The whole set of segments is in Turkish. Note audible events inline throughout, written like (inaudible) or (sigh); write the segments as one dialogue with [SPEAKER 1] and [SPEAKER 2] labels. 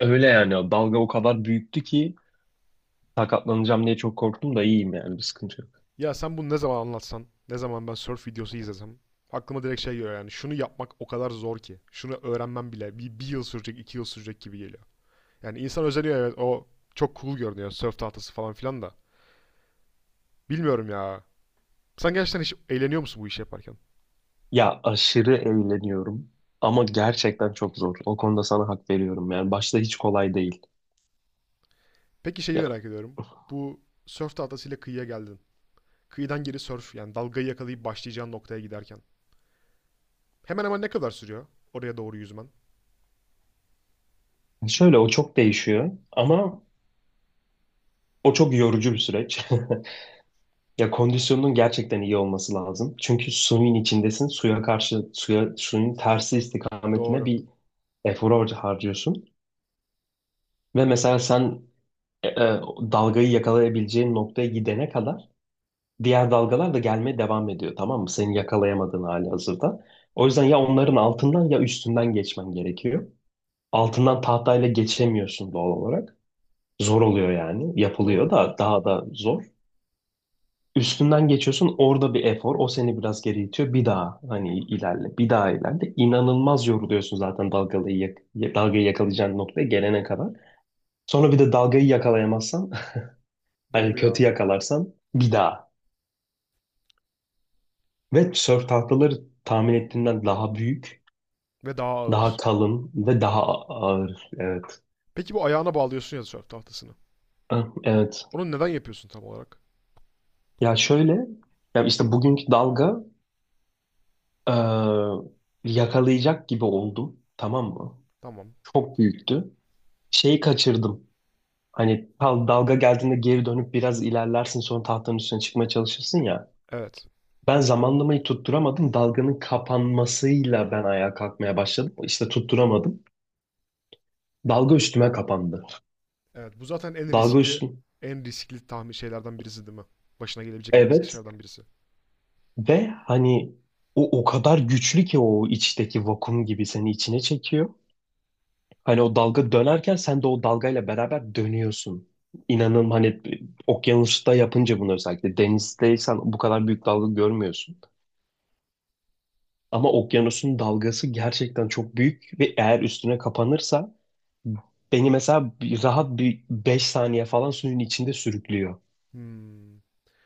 [SPEAKER 1] Öyle yani dalga o kadar büyüktü ki sakatlanacağım diye çok korktum da iyiyim yani bir sıkıntı yok.
[SPEAKER 2] Ya sen bunu ne zaman anlatsan, ne zaman ben surf videosu izlesem, aklıma direkt şey geliyor yani şunu yapmak o kadar zor ki. Şunu öğrenmem bile bir yıl sürecek, 2 yıl sürecek gibi geliyor. Yani insan özeniyor, evet, o çok cool görünüyor, surf tahtası falan filan da. Bilmiyorum ya. Sen gerçekten hiç eğleniyor musun bu işi yaparken?
[SPEAKER 1] Ya aşırı eğleniyorum ama gerçekten çok zor. O konuda sana hak veriyorum yani başta hiç kolay değil.
[SPEAKER 2] Peki şeyi
[SPEAKER 1] Ya
[SPEAKER 2] merak ediyorum. Bu surf tahtasıyla kıyıya geldin. Kıyıdan geri surf yani dalgayı yakalayıp başlayacağın noktaya giderken. Hemen hemen ne kadar sürüyor oraya doğru yüzmen?
[SPEAKER 1] şöyle o çok değişiyor ama o çok yorucu bir süreç. (laughs) Ya kondisyonun gerçekten iyi olması lazım. Çünkü suyun içindesin. Suya karşı suya suyun tersi istikametine
[SPEAKER 2] Doğru.
[SPEAKER 1] bir efor harcıyorsun. Ve mesela sen e, e, dalgayı yakalayabileceğin noktaya gidene kadar diğer dalgalar da gelmeye devam ediyor, tamam mı? Seni yakalayamadığın hali hazırda. O yüzden ya onların altından ya üstünden geçmen gerekiyor. Altından tahtayla geçemiyorsun doğal olarak. Zor oluyor yani. Yapılıyor
[SPEAKER 2] Doğru.
[SPEAKER 1] da daha da zor. Üstünden geçiyorsun, orada bir efor. O seni biraz geri itiyor. Bir daha hani ilerle. Bir daha ilerle. İnanılmaz yoruluyorsun zaten dalgayı yakalayacağın noktaya gelene kadar. Sonra bir de dalgayı yakalayamazsan (laughs) hani
[SPEAKER 2] Doğru
[SPEAKER 1] kötü
[SPEAKER 2] ya.
[SPEAKER 1] yakalarsan bir daha. Ve sörf tahtaları tahmin ettiğinden daha büyük.
[SPEAKER 2] Ve daha
[SPEAKER 1] Daha
[SPEAKER 2] ağır.
[SPEAKER 1] kalın ve daha ağır. Evet.
[SPEAKER 2] Peki bu ayağına bağlıyorsun ya surf tahtasını.
[SPEAKER 1] Ah, evet.
[SPEAKER 2] Onu neden yapıyorsun tam olarak?
[SPEAKER 1] Ya şöyle, ya işte bugünkü dalga e, yakalayacak gibi oldum. Tamam mı?
[SPEAKER 2] Tamam.
[SPEAKER 1] Çok büyüktü. Şeyi kaçırdım. Hani dalga geldiğinde geri dönüp biraz ilerlersin, sonra tahtanın üstüne çıkmaya çalışırsın ya.
[SPEAKER 2] Evet.
[SPEAKER 1] Ben zamanlamayı tutturamadım. Dalganın kapanmasıyla ben ayağa kalkmaya başladım. İşte tutturamadım. Dalga üstüme kapandı.
[SPEAKER 2] Evet. Bu zaten en
[SPEAKER 1] Dalga
[SPEAKER 2] riskli,
[SPEAKER 1] üstüm.
[SPEAKER 2] en riskli tahmin şeylerden birisi değil mi? Başına gelebilecek en riskli
[SPEAKER 1] Evet.
[SPEAKER 2] şeylerden birisi.
[SPEAKER 1] Ve hani o o kadar güçlü ki o içteki vakum gibi seni içine çekiyor. Hani o dalga dönerken sen de o dalgayla beraber dönüyorsun. İnanın hani okyanusta yapınca bunu, özellikle denizdeysen bu kadar büyük dalga görmüyorsun. Ama okyanusun dalgası gerçekten çok büyük ve eğer üstüne kapanırsa beni mesela rahat bir 5 saniye falan suyun içinde sürüklüyor.
[SPEAKER 2] Hmm.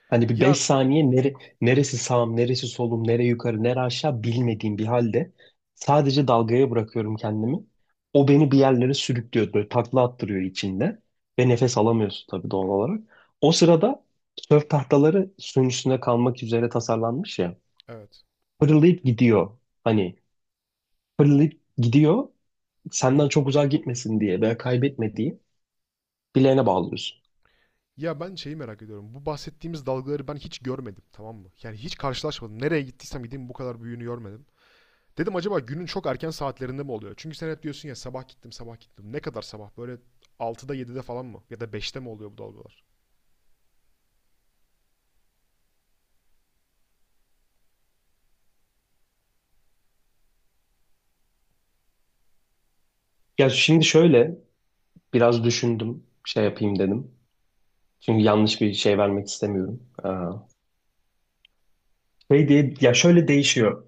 [SPEAKER 1] Hani bir 5
[SPEAKER 2] Ya
[SPEAKER 1] saniye neresi sağım, neresi solum, nere yukarı, nere aşağı bilmediğim bir halde sadece dalgaya bırakıyorum kendimi. O beni bir yerlere sürüklüyor, böyle takla attırıyor içinde ve nefes alamıyorsun tabii doğal olarak. O sırada sörf tahtaları suyun üstünde kalmak üzere tasarlanmış ya.
[SPEAKER 2] evet.
[SPEAKER 1] Fırlayıp gidiyor. Hani fırlayıp gidiyor. Senden çok uzağa gitmesin diye veya kaybetme diye bileğine bağlıyorsun.
[SPEAKER 2] Ya ben şeyi merak ediyorum. Bu bahsettiğimiz dalgaları ben hiç görmedim, tamam mı? Yani hiç karşılaşmadım. Nereye gittiysem gideyim bu kadar büyüğünü görmedim. Dedim acaba günün çok erken saatlerinde mi oluyor? Çünkü sen hep diyorsun ya sabah gittim, sabah gittim. Ne kadar sabah? Böyle 6'da, 7'de falan mı? Ya da 5'te mi oluyor bu dalgalar?
[SPEAKER 1] Ya şimdi şöyle biraz düşündüm, şey yapayım dedim. Çünkü yanlış bir şey vermek istemiyorum. Şey diye, ya şöyle değişiyor.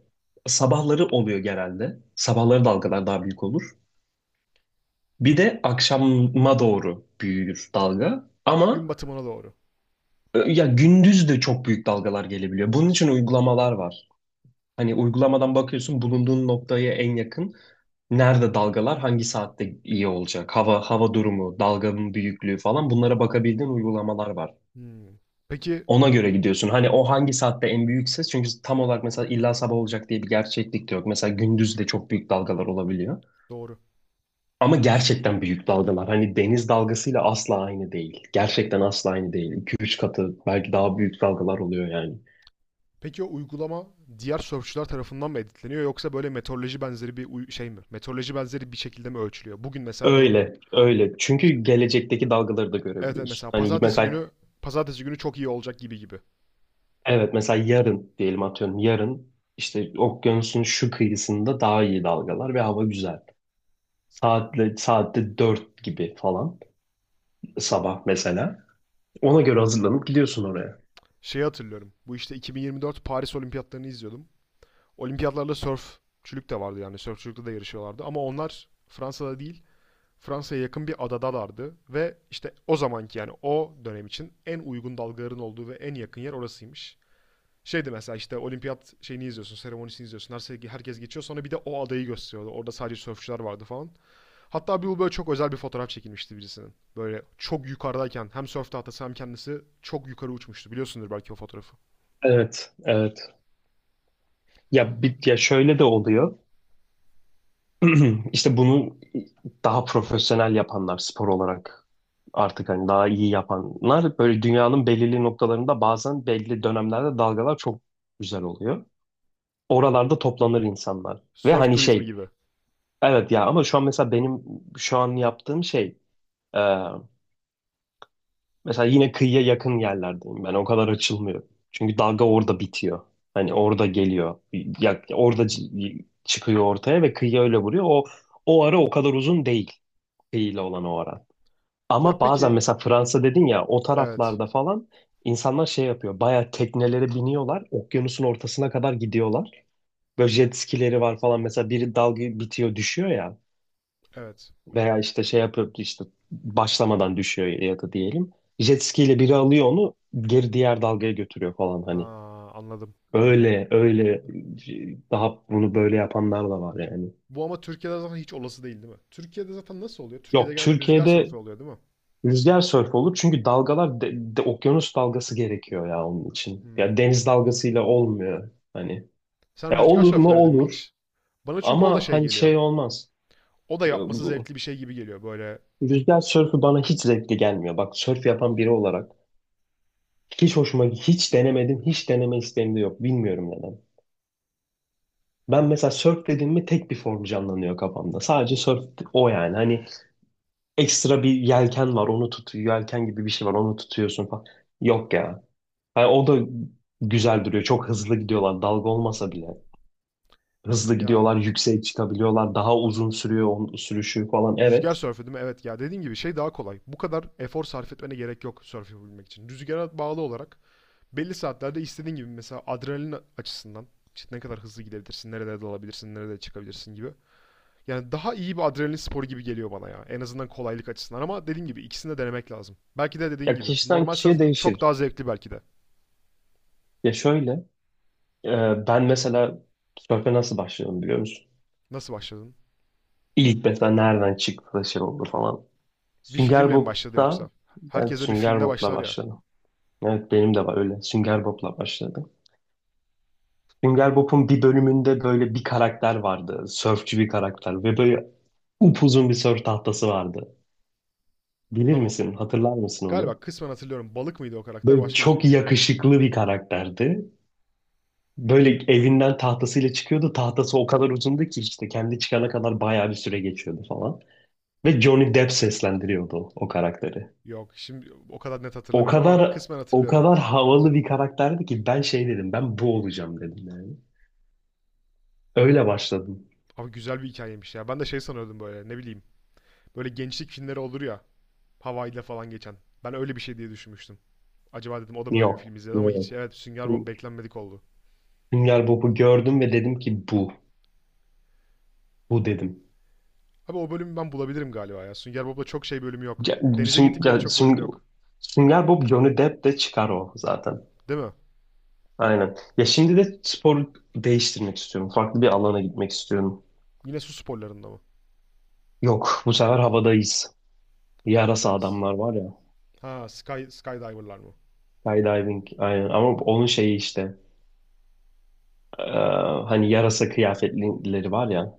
[SPEAKER 1] Sabahları oluyor genelde. Sabahları dalgalar daha büyük olur. Bir de akşama doğru büyür dalga.
[SPEAKER 2] Gün
[SPEAKER 1] Ama
[SPEAKER 2] batımına doğru.
[SPEAKER 1] ya gündüz de çok büyük dalgalar gelebiliyor. Bunun için uygulamalar var. Hani uygulamadan bakıyorsun bulunduğun noktaya en yakın nerede dalgalar, hangi saatte iyi olacak, hava durumu, dalganın büyüklüğü falan, bunlara bakabildiğin uygulamalar var.
[SPEAKER 2] Hmm. Peki.
[SPEAKER 1] Ona göre gidiyorsun. Hani o hangi saatte en büyük ses? Çünkü tam olarak mesela illa sabah olacak diye bir gerçeklik de yok. Mesela gündüz de çok büyük dalgalar olabiliyor.
[SPEAKER 2] Doğru.
[SPEAKER 1] Ama gerçekten büyük dalgalar. Hani deniz dalgasıyla asla aynı değil. Gerçekten asla aynı değil. 2 üç katı belki daha büyük dalgalar oluyor yani.
[SPEAKER 2] Peki o uygulama diğer surfçular tarafından mı editleniyor yoksa böyle meteoroloji benzeri bir şey mi? Meteoroloji benzeri bir şekilde mi ölçülüyor? Bugün mesela
[SPEAKER 1] Öyle, öyle. Çünkü
[SPEAKER 2] işte
[SPEAKER 1] gelecekteki dalgaları da
[SPEAKER 2] evet, evet
[SPEAKER 1] görebiliyorsun.
[SPEAKER 2] mesela
[SPEAKER 1] Hani
[SPEAKER 2] pazartesi
[SPEAKER 1] mesela
[SPEAKER 2] günü pazartesi günü çok iyi olacak gibi gibi.
[SPEAKER 1] evet, mesela yarın diyelim atıyorum, yarın işte okyanusun şu kıyısında daha iyi dalgalar ve hava güzel. Saatte 4 gibi falan. Sabah mesela. Ona göre hazırlanıp gidiyorsun oraya.
[SPEAKER 2] Şeyi hatırlıyorum. Bu işte 2024 Paris Olimpiyatlarını izliyordum. Olimpiyatlarla sörfçülük de vardı yani sörfçülükte de yarışıyorlardı ama onlar Fransa'da değil, Fransa'ya yakın bir adadalardı ve işte o zamanki yani o dönem için en uygun dalgaların olduğu ve en yakın yer orasıymış. Şeydi mesela işte olimpiyat şeyini izliyorsun, seremonisini izliyorsun. Herkes geçiyor. Sonra bir de o adayı gösteriyordu. Orada sadece sörfçüler vardı falan. Hatta bir bu böyle çok özel bir fotoğraf çekilmişti birisinin. Böyle çok yukarıdayken hem sörf tahtası hem kendisi çok yukarı uçmuştu. Biliyorsundur belki o fotoğrafı.
[SPEAKER 1] Evet, evet. Ya, bir, ya şöyle de oluyor. (clears throat) İşte bunu daha profesyonel yapanlar spor olarak, artık hani daha iyi yapanlar böyle dünyanın belirli noktalarında bazen belli dönemlerde dalgalar çok güzel oluyor. Oralarda toplanır insanlar. Ve
[SPEAKER 2] Sörf
[SPEAKER 1] hani
[SPEAKER 2] turizmi
[SPEAKER 1] şey,
[SPEAKER 2] gibi.
[SPEAKER 1] evet ya, ama şu an mesela benim şu an yaptığım şey, e, mesela yine kıyıya yakın yerlerdeyim ben. O kadar açılmıyor. Çünkü dalga
[SPEAKER 2] Hmm.
[SPEAKER 1] orada bitiyor. Hani orada geliyor. Ya, orada çıkıyor ortaya ve kıyıya öyle vuruyor. O ara o kadar uzun değil. Kıyıyla olan o ara.
[SPEAKER 2] Ya
[SPEAKER 1] Ama bazen
[SPEAKER 2] peki.
[SPEAKER 1] mesela Fransa dedin ya, o
[SPEAKER 2] Evet.
[SPEAKER 1] taraflarda falan insanlar şey yapıyor. Bayağı teknelere biniyorlar. Okyanusun ortasına kadar gidiyorlar. Böyle jet skileri var falan. Mesela biri dalga bitiyor düşüyor ya.
[SPEAKER 2] Evet.
[SPEAKER 1] Veya işte şey yapıyor, işte başlamadan düşüyor ya da diyelim. Jet ski ile biri alıyor onu, geri diğer dalgaya götürüyor falan
[SPEAKER 2] Ha,
[SPEAKER 1] hani.
[SPEAKER 2] anladım. Anladım.
[SPEAKER 1] Öyle öyle daha bunu böyle yapanlar da var yani.
[SPEAKER 2] Bu ama Türkiye'de zaten hiç olası değil değil mi? Türkiye'de zaten nasıl oluyor? Türkiye'de
[SPEAKER 1] Yok,
[SPEAKER 2] genelde rüzgar
[SPEAKER 1] Türkiye'de
[SPEAKER 2] sörfü oluyor değil mi?
[SPEAKER 1] rüzgar sörf olur çünkü dalgalar okyanus dalgası gerekiyor ya onun için.
[SPEAKER 2] Hmm.
[SPEAKER 1] Ya deniz dalgasıyla olmuyor hani.
[SPEAKER 2] Sen
[SPEAKER 1] Ya
[SPEAKER 2] rüzgar
[SPEAKER 1] olur
[SPEAKER 2] sörfü
[SPEAKER 1] mu
[SPEAKER 2] denedin mi
[SPEAKER 1] olur
[SPEAKER 2] hiç? Bana çünkü o da
[SPEAKER 1] ama
[SPEAKER 2] şey
[SPEAKER 1] hani
[SPEAKER 2] geliyor.
[SPEAKER 1] şey olmaz.
[SPEAKER 2] O da
[SPEAKER 1] Ya
[SPEAKER 2] yapması
[SPEAKER 1] bu-
[SPEAKER 2] zevkli bir şey gibi geliyor böyle.
[SPEAKER 1] Rüzgar sörfü bana hiç zevkli gelmiyor. Bak, sörf yapan biri olarak hiç hoşuma, hiç denemedim, hiç deneme isteğim de yok. Bilmiyorum neden. Ben mesela surf dediğim mi tek bir form canlanıyor kafamda. Sadece surf o yani. Hani ekstra bir yelken var, onu tutuyor. Yelken gibi bir şey var, onu tutuyorsun falan. Yok ya. Hani o da güzel duruyor. Çok hızlı gidiyorlar dalga olmasa bile. Hızlı
[SPEAKER 2] Ya
[SPEAKER 1] gidiyorlar, yükseğe çıkabiliyorlar. Daha uzun sürüyor onun sürüşü falan.
[SPEAKER 2] rüzgar
[SPEAKER 1] Evet.
[SPEAKER 2] sörfü değil mi? Evet ya dediğin gibi şey daha kolay. Bu kadar efor sarf etmene gerek yok sörf yapabilmek için. Rüzgara bağlı olarak belli saatlerde istediğin gibi mesela adrenalin açısından, işte ne kadar hızlı gidebilirsin, nerelere dalabilirsin, nerede çıkabilirsin gibi. Yani daha iyi bir adrenalin sporu gibi geliyor bana ya. En azından kolaylık açısından ama dediğim gibi ikisini de denemek lazım. Belki de dediğin
[SPEAKER 1] Ya
[SPEAKER 2] gibi.
[SPEAKER 1] kişiden
[SPEAKER 2] Normal
[SPEAKER 1] kişiye
[SPEAKER 2] surf çok
[SPEAKER 1] değişir.
[SPEAKER 2] daha zevkli belki de.
[SPEAKER 1] Ya şöyle e, ben mesela surf'e nasıl başladım biliyor musun?
[SPEAKER 2] Nasıl başladın?
[SPEAKER 1] İlk mesela nereden çıktı da şey oldu falan.
[SPEAKER 2] Bir
[SPEAKER 1] Sünger
[SPEAKER 2] filmle mi başladı
[SPEAKER 1] Bob'da
[SPEAKER 2] yoksa?
[SPEAKER 1] evet,
[SPEAKER 2] Herkese bir
[SPEAKER 1] Sünger
[SPEAKER 2] filmle
[SPEAKER 1] Bob'la
[SPEAKER 2] başlar ya.
[SPEAKER 1] başladım. Evet, benim de var öyle. Sünger Bob'la başladım. Sünger Bob'un bir bölümünde böyle bir karakter vardı. Sörfçü bir karakter ve böyle upuzun bir sörf tahtası vardı. Bilir
[SPEAKER 2] Tamam.
[SPEAKER 1] misin? Hatırlar mısın onu?
[SPEAKER 2] Galiba kısmen hatırlıyorum. Balık mıydı o karakter,
[SPEAKER 1] Böyle
[SPEAKER 2] başka bir şey
[SPEAKER 1] çok
[SPEAKER 2] miydi?
[SPEAKER 1] yakışıklı bir karakterdi. Böyle evinden tahtasıyla çıkıyordu. Tahtası o kadar uzundu ki işte kendi çıkana kadar bayağı bir süre geçiyordu falan. Ve Johnny Depp seslendiriyordu o karakteri.
[SPEAKER 2] Yok, şimdi o kadar net
[SPEAKER 1] O
[SPEAKER 2] hatırlamıyorum ama
[SPEAKER 1] kadar
[SPEAKER 2] kısmen
[SPEAKER 1] o
[SPEAKER 2] hatırlıyorum.
[SPEAKER 1] kadar havalı bir karakterdi ki ben şey dedim. Ben bu olacağım dedim yani. Öyle başladım.
[SPEAKER 2] Abi güzel bir hikayeymiş ya. Ben de şey sanıyordum böyle, ne bileyim. Böyle gençlik filmleri olur ya, Hawaii'de falan geçen. Ben öyle bir şey diye düşünmüştüm. Acaba dedim o da mı öyle bir
[SPEAKER 1] Yok.
[SPEAKER 2] film izledi ama hiç,
[SPEAKER 1] Evet.
[SPEAKER 2] evet, Sünger Bob beklenmedik oldu.
[SPEAKER 1] Sünger Bob'u gördüm ve dedim ki bu. Bu dedim.
[SPEAKER 2] Abi o bölümü ben bulabilirim galiba ya. Sünger Bob'da çok şey bölümü yok.
[SPEAKER 1] Ya,
[SPEAKER 2] Denize
[SPEAKER 1] Süng- ya,
[SPEAKER 2] gittikleri çok bölüm
[SPEAKER 1] Süng-
[SPEAKER 2] yok.
[SPEAKER 1] Sünger Bob Johnny Depp de çıkar o zaten.
[SPEAKER 2] Değil mi?
[SPEAKER 1] Aynen. Ya şimdi de spor değiştirmek istiyorum. Farklı bir alana gitmek istiyorum.
[SPEAKER 2] Yine su sporlarında mı?
[SPEAKER 1] Yok, bu sefer havadayız. Yarasa
[SPEAKER 2] Havadayız.
[SPEAKER 1] adamlar var ya.
[SPEAKER 2] Ha, skydiver'lar mı?
[SPEAKER 1] Skydiving aynen ama onun şeyi işte e, hani yarasa kıyafetlileri var ya.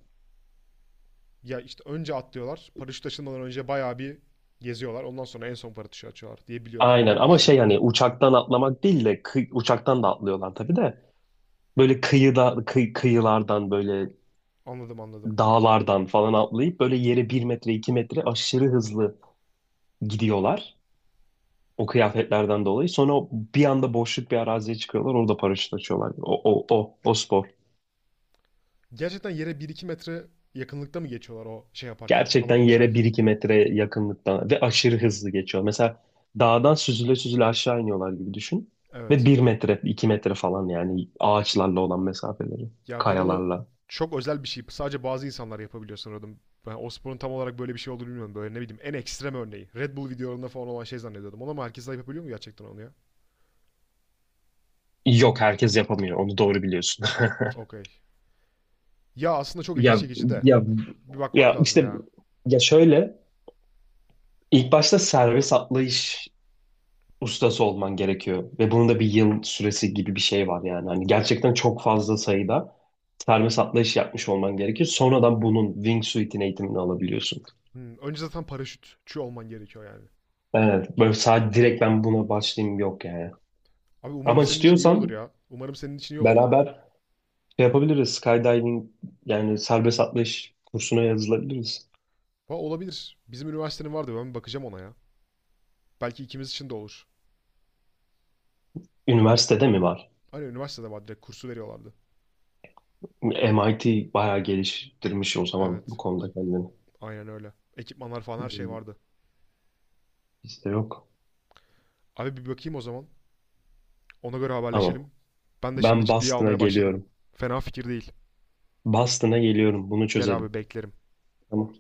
[SPEAKER 2] Ya işte önce atlıyorlar. Paraşüt açılmadan önce bayağı bir geziyorlar. Ondan sonra en son paraşütü açıyorlar diye biliyorum.
[SPEAKER 1] Aynen
[SPEAKER 2] Ondan
[SPEAKER 1] ama şey
[SPEAKER 2] bahsediyorsun değil
[SPEAKER 1] hani
[SPEAKER 2] mi?
[SPEAKER 1] uçaktan atlamak değil de uçaktan da atlıyorlar tabii de böyle kıyıda kıyılardan böyle
[SPEAKER 2] Anladım, anladım.
[SPEAKER 1] dağlardan falan atlayıp böyle yere bir metre iki metre aşırı hızlı gidiyorlar o kıyafetlerden dolayı. Sonra bir anda boşluk bir araziye çıkıyorlar, orada paraşüt açıyorlar. O spor.
[SPEAKER 2] Gerçekten yere bir iki metre yakınlıkta mı geçiyorlar o şey yaparken,
[SPEAKER 1] Gerçekten
[SPEAKER 2] havada
[SPEAKER 1] yere
[SPEAKER 2] uçarken?
[SPEAKER 1] bir iki metre yakınlıktan ve aşırı hızlı geçiyor. Mesela dağdan süzüle süzüle aşağı iniyorlar gibi düşün. Ve
[SPEAKER 2] Evet.
[SPEAKER 1] bir metre, iki metre falan yani ağaçlarla olan mesafeleri,
[SPEAKER 2] Ya ben onu
[SPEAKER 1] kayalarla.
[SPEAKER 2] çok özel bir şey. Sadece bazı insanlar yapabiliyor sanıyordum. Ben o sporun tam olarak böyle bir şey olduğunu bilmiyorum. Böyle ne bileyim en ekstrem örneği. Red Bull videolarında falan olan şey zannediyordum. Onu ama herkes de yapabiliyor mu gerçekten onu ya?
[SPEAKER 1] Yok, herkes yapamıyor. Onu doğru biliyorsun. (laughs)
[SPEAKER 2] Okey. Ya aslında çok ilgi
[SPEAKER 1] Ya,
[SPEAKER 2] çekici de.
[SPEAKER 1] ya,
[SPEAKER 2] Bir bakmak
[SPEAKER 1] ya
[SPEAKER 2] lazım
[SPEAKER 1] işte
[SPEAKER 2] ya.
[SPEAKER 1] ya şöyle ilk başta servis atlayış ustası olman gerekiyor ve bunun da bir yıl süresi gibi bir şey var yani. Hani gerçekten çok fazla sayıda servis atlayış yapmış olman gerekiyor. Sonradan bunun wingsuit'in eğitimini alabiliyorsun.
[SPEAKER 2] Hmm, önce zaten paraşütçü olman gerekiyor yani.
[SPEAKER 1] Evet, böyle sadece
[SPEAKER 2] Anladım.
[SPEAKER 1] direkt ben buna başlayayım yok yani.
[SPEAKER 2] Abi umarım
[SPEAKER 1] Ama
[SPEAKER 2] senin için iyi olur
[SPEAKER 1] istiyorsan
[SPEAKER 2] ya. Umarım senin için iyi olur.
[SPEAKER 1] beraber şey yapabiliriz. Skydiving yani serbest atlayış kursuna yazılabiliriz.
[SPEAKER 2] Ha, olabilir. Bizim üniversitenin vardı. Ben bir bakacağım ona ya. Belki ikimiz için de olur.
[SPEAKER 1] Üniversitede mi var?
[SPEAKER 2] Hani üniversitede var, direkt kursu veriyorlardı.
[SPEAKER 1] MIT bayağı geliştirmiş o zaman bu
[SPEAKER 2] Evet.
[SPEAKER 1] konuda kendini.
[SPEAKER 2] Aynen öyle. Ekipmanlar falan her şey
[SPEAKER 1] Bizde
[SPEAKER 2] vardı.
[SPEAKER 1] bizde yok.
[SPEAKER 2] Abi bir bakayım o zaman. Ona göre
[SPEAKER 1] Tamam.
[SPEAKER 2] haberleşelim. Ben de şimdi
[SPEAKER 1] Ben
[SPEAKER 2] ciddiye
[SPEAKER 1] Boston'a
[SPEAKER 2] almaya başladım.
[SPEAKER 1] geliyorum.
[SPEAKER 2] Fena fikir değil.
[SPEAKER 1] Boston'a geliyorum. Bunu
[SPEAKER 2] Gel
[SPEAKER 1] çözelim.
[SPEAKER 2] abi beklerim.
[SPEAKER 1] Tamam.